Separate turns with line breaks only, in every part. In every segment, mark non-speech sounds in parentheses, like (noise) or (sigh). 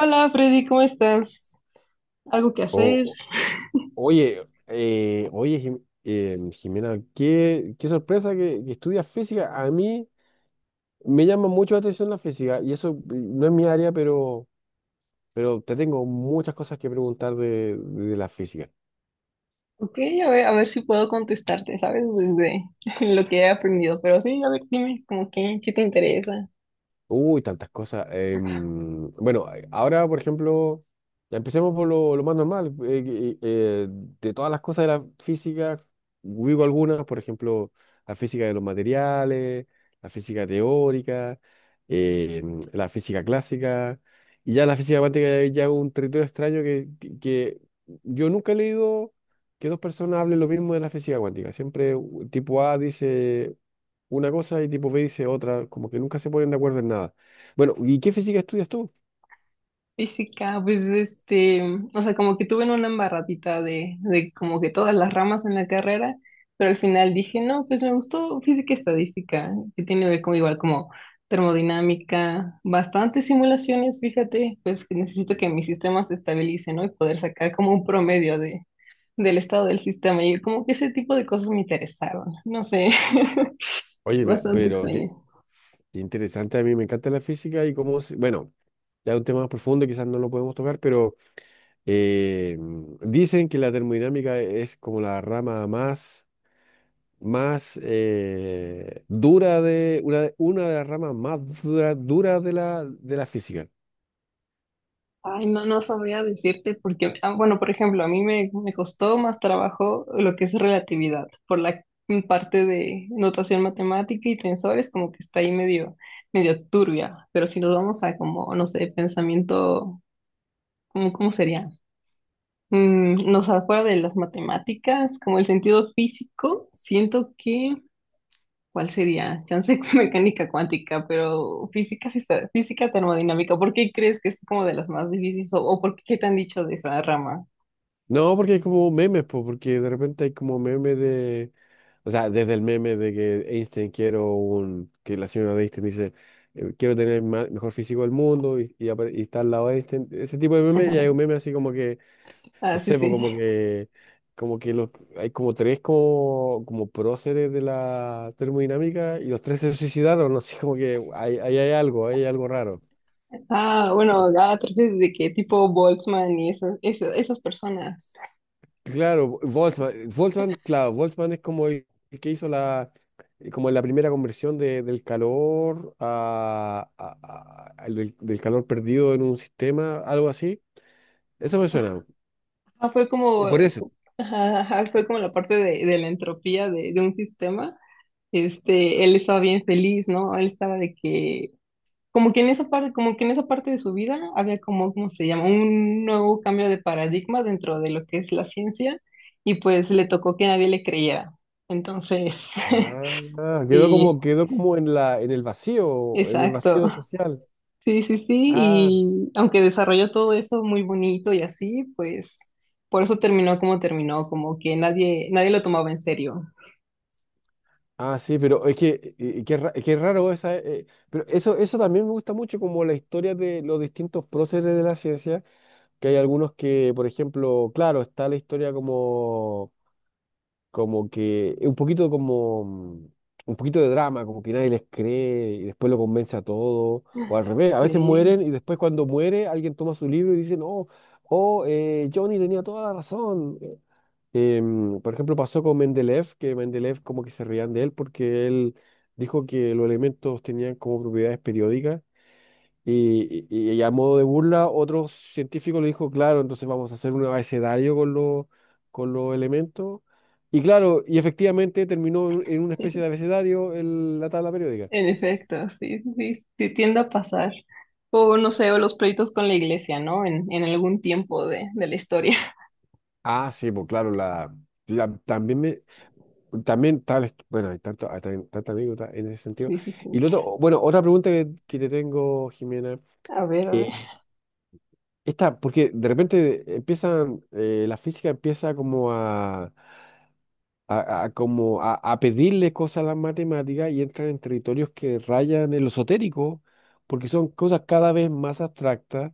Hola Freddy, ¿cómo estás? ¿Algo que
O-
hacer?
o- oye, Jimena, qué sorpresa que estudias física. A mí me llama mucho la atención la física y eso, no es mi área, pero te tengo muchas cosas que preguntar de la física.
Ok, a ver si puedo contestarte, ¿sabes? Desde (laughs) lo que he aprendido. Pero sí, a ver, dime, como que, ¿qué te interesa?
Uy, tantas cosas. Bueno, ahora, por ejemplo, ya empecemos por lo más normal. De todas las cosas de la física, vivo algunas, por ejemplo, la física de los materiales, la física teórica, la física clásica, y ya la física cuántica ya es un territorio extraño que yo nunca he leído que dos personas hablen lo mismo de la física cuántica. Siempre tipo A dice una cosa y tipo B dice otra, como que nunca se ponen de acuerdo en nada. Bueno, ¿y qué física estudias tú?
Física, pues este, o sea, como que tuve en una embarradita de como que todas las ramas en la carrera, pero al final dije, no, pues me gustó física y estadística, que tiene que ver con igual como termodinámica, bastantes simulaciones, fíjate, pues que necesito que mi sistema se estabilice, ¿no? Y poder sacar como un promedio de, del estado del sistema, y como que ese tipo de cosas me interesaron, no sé, (laughs)
Oye,
bastante
pero
extraño.
qué interesante. A mí me encanta la física y bueno, ya es un tema más profundo, quizás no lo podemos tocar, pero eh, dicen que la termodinámica es como la rama más dura, de, una, de las ramas más dura de de la física.
Ay, no, no sabría decirte porque, ah, bueno, por ejemplo, a mí me costó más trabajo lo que es relatividad, por la parte de notación matemática y tensores, como que está ahí medio, medio turbia, pero si nos vamos a como, no sé, pensamiento, ¿cómo, cómo sería? No sé, fuera de las matemáticas, como el sentido físico, siento que ¿cuál sería? Chance (laughs) mecánica cuántica, pero física, física termodinámica. ¿Por qué crees que es como de las más difíciles? O por qué te han dicho de esa rama?
No, porque hay como memes, porque de repente hay como memes. De, o sea, desde el meme de que Einstein quiero un, que la señora de Einstein dice: «Quiero tener el mejor físico del mundo», y está al lado de Einstein, ese tipo de memes. Y hay un meme así como que,
Ah,
no
sí,
sé, po,
sí. (laughs)
como que los, hay como tres, como próceres de la termodinámica, y los tres se suicidaron. (laughs) no sé, como que hay, ahí hay algo raro.
Ah, bueno, ah, te refieres de que tipo Boltzmann y esas personas.
Claro, Volkswagen, Volkswagen, claro, Volkswagen es como el que hizo la, como la primera conversión del calor a- al del, del calor perdido en un sistema, algo así. Eso me suena.
Ah, fue como,
Y por eso.
ajá, ajá, fue como la parte de la entropía de un sistema. Este, él estaba bien feliz, ¿no? Él estaba de que como que en esa parte, como que en esa parte de su vida había como, ¿cómo se llama? Un nuevo cambio de paradigma dentro de lo que es la ciencia y pues le tocó que nadie le creyera. Entonces, (laughs)
Ah,
sí,
quedó como en en el
exacto.
vacío social.
Sí, sí, sí.
Ah,
Y aunque desarrolló todo eso muy bonito y así, pues por eso terminó, como que nadie, nadie lo tomaba en serio.
ah, sí, pero es que, qué raro esa. Pero eso, también me gusta mucho, como la historia de los distintos próceres de la ciencia, que hay algunos que, por ejemplo, claro, está la historia como, como que, un poquito como, mm, un poquito de drama, como que nadie les cree y después lo convence a todo, o al revés: a veces
Sí.
mueren y después, cuando muere alguien, toma su libro y dice: «No, oh, Johnny tenía toda la razón». Por ejemplo, pasó con Mendeleev, que Mendeleev, como que se reían de él porque él dijo que los elementos tenían como propiedades periódicas, y a modo de burla, otro científico le dijo: «Claro, entonces vamos a hacer un abecedario con con los elementos». Y claro, y efectivamente terminó en una especie de abecedario la tabla periódica.
En efecto, sí, sí, sí, sí, tiende a pasar. O no sé, o los pleitos con la iglesia, ¿no? En algún tiempo de la historia. (laughs)
Ah, sí, pues claro, la- también me, también tal, bueno, hay tanta anécdota en ese sentido.
Sí, sí,
Y
sí.
lo otro, bueno, otra pregunta que te tengo, Jimena.
A ver, a ver,
eh, Esta: porque de repente la física empieza como a pedirle cosas a las matemáticas y entran en territorios que rayan en lo esotérico, porque son cosas cada vez más abstractas.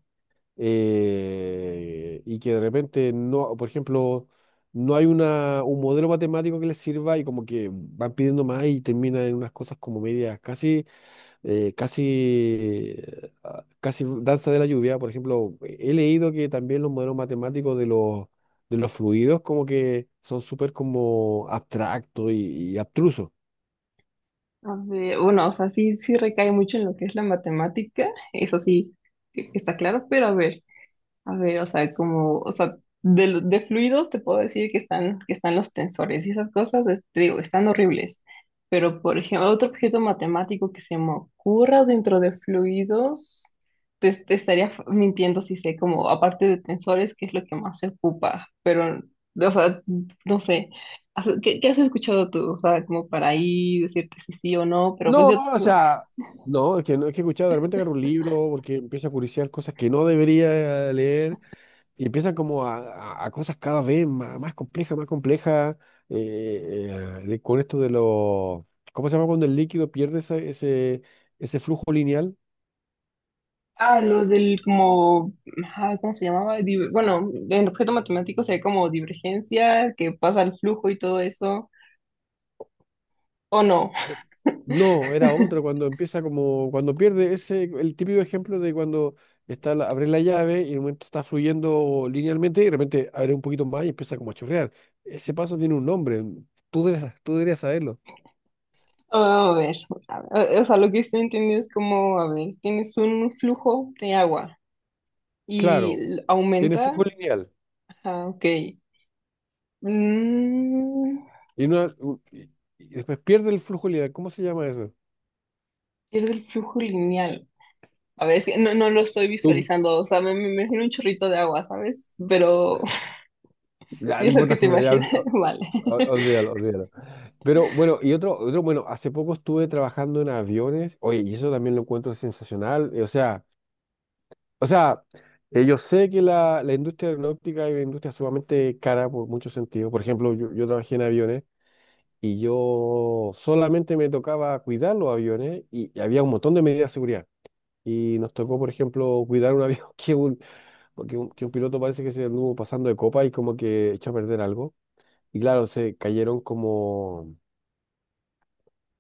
Y que de repente no, por ejemplo, no hay un modelo matemático que les sirva, y como que van pidiendo más y terminan en unas cosas como medias, casi danza de la lluvia. Por ejemplo, he leído que también los modelos matemáticos de los fluidos, como que son súper como abstractos y abstrusos.
a ver. Bueno, o sea, sí, sí recae mucho en lo que es la matemática, eso sí, que está claro, pero a ver, a ver, o sea, como, o sea, de, de fluidos te puedo decir que están los tensores y esas cosas, te digo, están horribles. Pero, por ejemplo, otro objeto matemático que se me ocurra dentro de fluidos, te estaría mintiendo si sé, como, aparte de tensores, qué es lo que más se ocupa. Pero, o sea, no sé, ¿qué, qué has escuchado tú? O sea, como para ahí decirte si sí o no, pero pues
No,
yo,
no, o sea, no, es que he escuchado, de repente agarro un libro porque empiezo a curiosear cosas que no debería leer, y empiezan como a cosas cada vez más, más complejas, más complejas. eh, con esto de los, ¿cómo se llama cuando el líquido pierde ese, ese, flujo lineal?
ah, lo del como, ah, ¿cómo se llamaba? Bueno, en objeto matemático se ve como divergencia, que pasa el flujo y todo eso, o no.
Eh, No, era otro,
(laughs)
cuando cuando pierde, ese, el típico ejemplo de cuando abre la llave y en un momento está fluyendo linealmente y de repente abre un poquito más y empieza como a chorrear. Ese paso tiene un nombre, tú deberías saberlo.
Oh, a ver, a ver, o sea, lo que estoy entendiendo es como, a ver, tienes un flujo de agua y
Claro, tiene
aumenta,
flujo lineal,
ajá, ok, mm,
y, una- u- y- y después pierde el flujo lineal. ¿Cómo se llama eso?
pierde el flujo lineal. A ver, es que no, no lo estoy
Tú-
visualizando, o sea, me imagino un chorrito de agua, ¿sabes? Pero (laughs)
ya,
si
no
es lo que
importa,
te
que me la ya,
imaginas, (laughs) vale.
olvídalo, olvídalo. Pero bueno, y otro, bueno, hace poco estuve trabajando en aviones, oye, y eso también lo encuentro sensacional. O sea, yo sé que la industria aeronáutica es una industria sumamente cara por muchos sentidos. Por ejemplo, yo trabajé en aviones, y yo solamente me tocaba cuidar los aviones, y había un montón de medidas de seguridad. Y nos tocó, por ejemplo, cuidar un avión (laughs) que un piloto parece que se anduvo pasando de copa y como que echó a perder algo. Y claro, se cayeron como,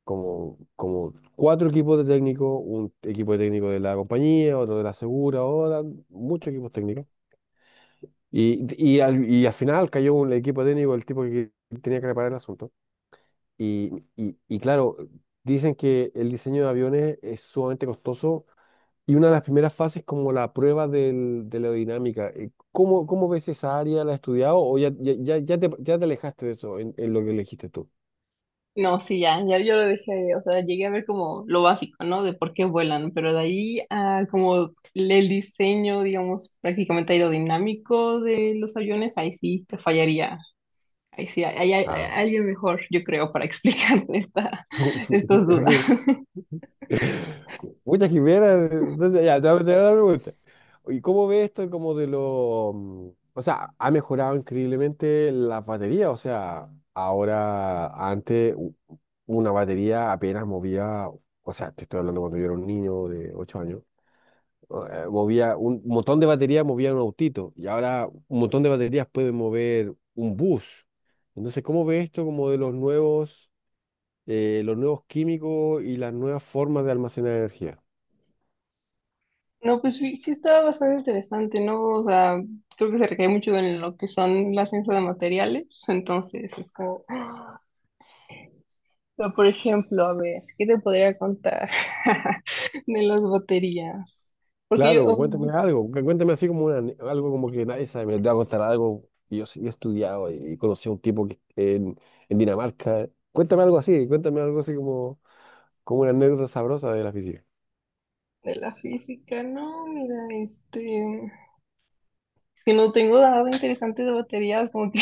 cuatro equipos de técnicos: un equipo de técnico de la compañía, otro de la segura, muchos equipos técnicos. Y y al final cayó un equipo técnico, el tipo que tenía que reparar el asunto. Y claro, dicen que el diseño de aviones es sumamente costoso, y una de las primeras fases es como la prueba de la aerodinámica. Cómo ves esa área? ¿La has estudiado, o ya te alejaste de eso en, lo que elegiste tú?
No, sí, ya, ya yo lo dejé, o sea, llegué a ver como lo básico, ¿no? De por qué vuelan, pero de ahí a como el diseño, digamos, prácticamente aerodinámico de los aviones, ahí sí te fallaría, ahí sí, hay, hay
Ah,
alguien mejor, yo creo, para (laughs) explicar esta, estas dudas.
(laughs) muchas quimeras. Entonces, ya, te voy a hacer otra pregunta. ¿Y cómo ves esto, como de O sea, ha mejorado increíblemente la batería. O sea, ahora, antes, una batería apenas movía... O sea, te estoy hablando cuando yo era un niño de 8 años. Movía un montón de baterías, movía un autito, y ahora un montón de baterías pueden mover un bus. Entonces, ¿cómo ves esto, como de los nuevos químicos y las nuevas formas de almacenar energía?
No, pues sí, sí estaba bastante interesante, ¿no? O sea, creo que se recae mucho en lo que son la ciencia de materiales, entonces es como... Pero, por ejemplo, a ver, ¿qué te podría contar (laughs) de las baterías? Porque yo,
Claro,
oh,
cuéntame algo, cuéntame así como algo como que nadie sabe, me te va a contar algo. Y yo, yo he estudiado y conocí a un tipo que en, Dinamarca. Cuéntame algo así, como una anécdota sabrosa de la física.
de la física, no, mira, este, es que no tengo nada interesante de baterías, como que,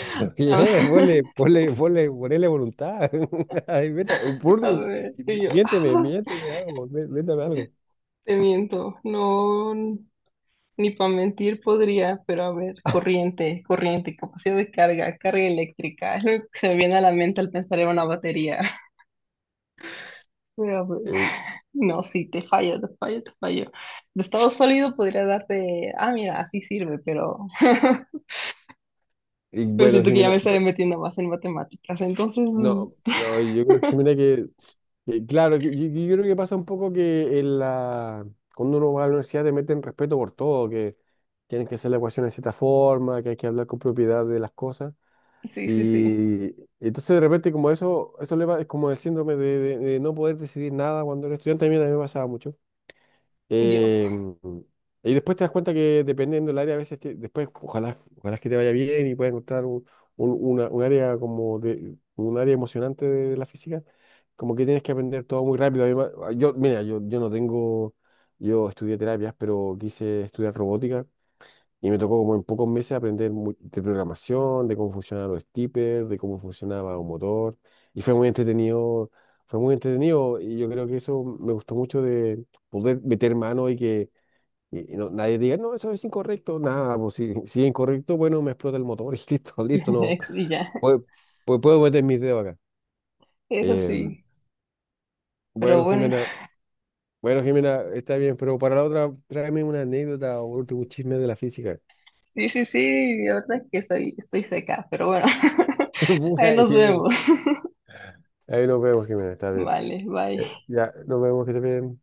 (laughs) Oye, nene, ponle,
(laughs)
ponle, ponle, ponele voluntad. (laughs) Ay,
a ver, y yo, ah,
miénteme algo, métame algo.
te miento, no, ni para mentir podría, pero a ver, corriente, corriente, capacidad de carga, carga eléctrica, (laughs) es lo que se me viene a la mente al pensar en una batería. (laughs) Pero a ver.
Eh,
No, sí, te fallo, te fallo, te fallo. De estado sólido podría darte, ah, mira, así sirve, pero, (laughs)
y
pero
bueno,
siento que ya me
Jimena,
estaré
pues,
metiendo más en matemáticas.
no,
Entonces, (laughs)
yo creo que, mira, que claro, que yo creo que pasa un poco que en la, cuando uno va a la universidad, te meten respeto por todo, que tienen que hacer la ecuación de cierta forma, que hay que hablar con propiedad de las cosas.
sí, sí, sí,
Y entonces, de repente, como eso le va, es como el síndrome de no poder decidir nada cuando eres estudiante. A mí también me pasaba mucho.
yo.
Eh, y después te das cuenta que, dependiendo del área, a veces después, ojalá, ojalá que te vaya bien y puedas encontrar un área como de, un área emocionante de la física, como que tienes que aprender todo muy rápido. Yo, mira, yo no tengo, yo estudié terapias, pero quise estudiar robótica, y me tocó como en pocos meses aprender de programación, de cómo funcionaban los steppers, de cómo funcionaba un motor. Y fue muy entretenido, fue muy entretenido. Y yo creo que eso me gustó mucho, de poder meter mano, y que nadie diga: «No, eso es incorrecto». Nada, pues si (laughs) si es incorrecto, bueno, me explota el motor (laughs) y listo, listo,
(laughs)
no.
Y ya,
Puedo, puedo meter mis dedos acá.
eso
Eh,
sí. Pero
bueno,
bueno,
Jimena, está bien, pero para la otra, tráeme una anécdota o un último un chisme de la física.
sí, sí, sí, la verdad es que estoy, estoy seca, pero bueno,
(laughs)
(laughs) ahí
Puta,
nos vemos.
ahí nos vemos, Jimena, está bien.
Vale, bye.
Ya, nos vemos, que te bien.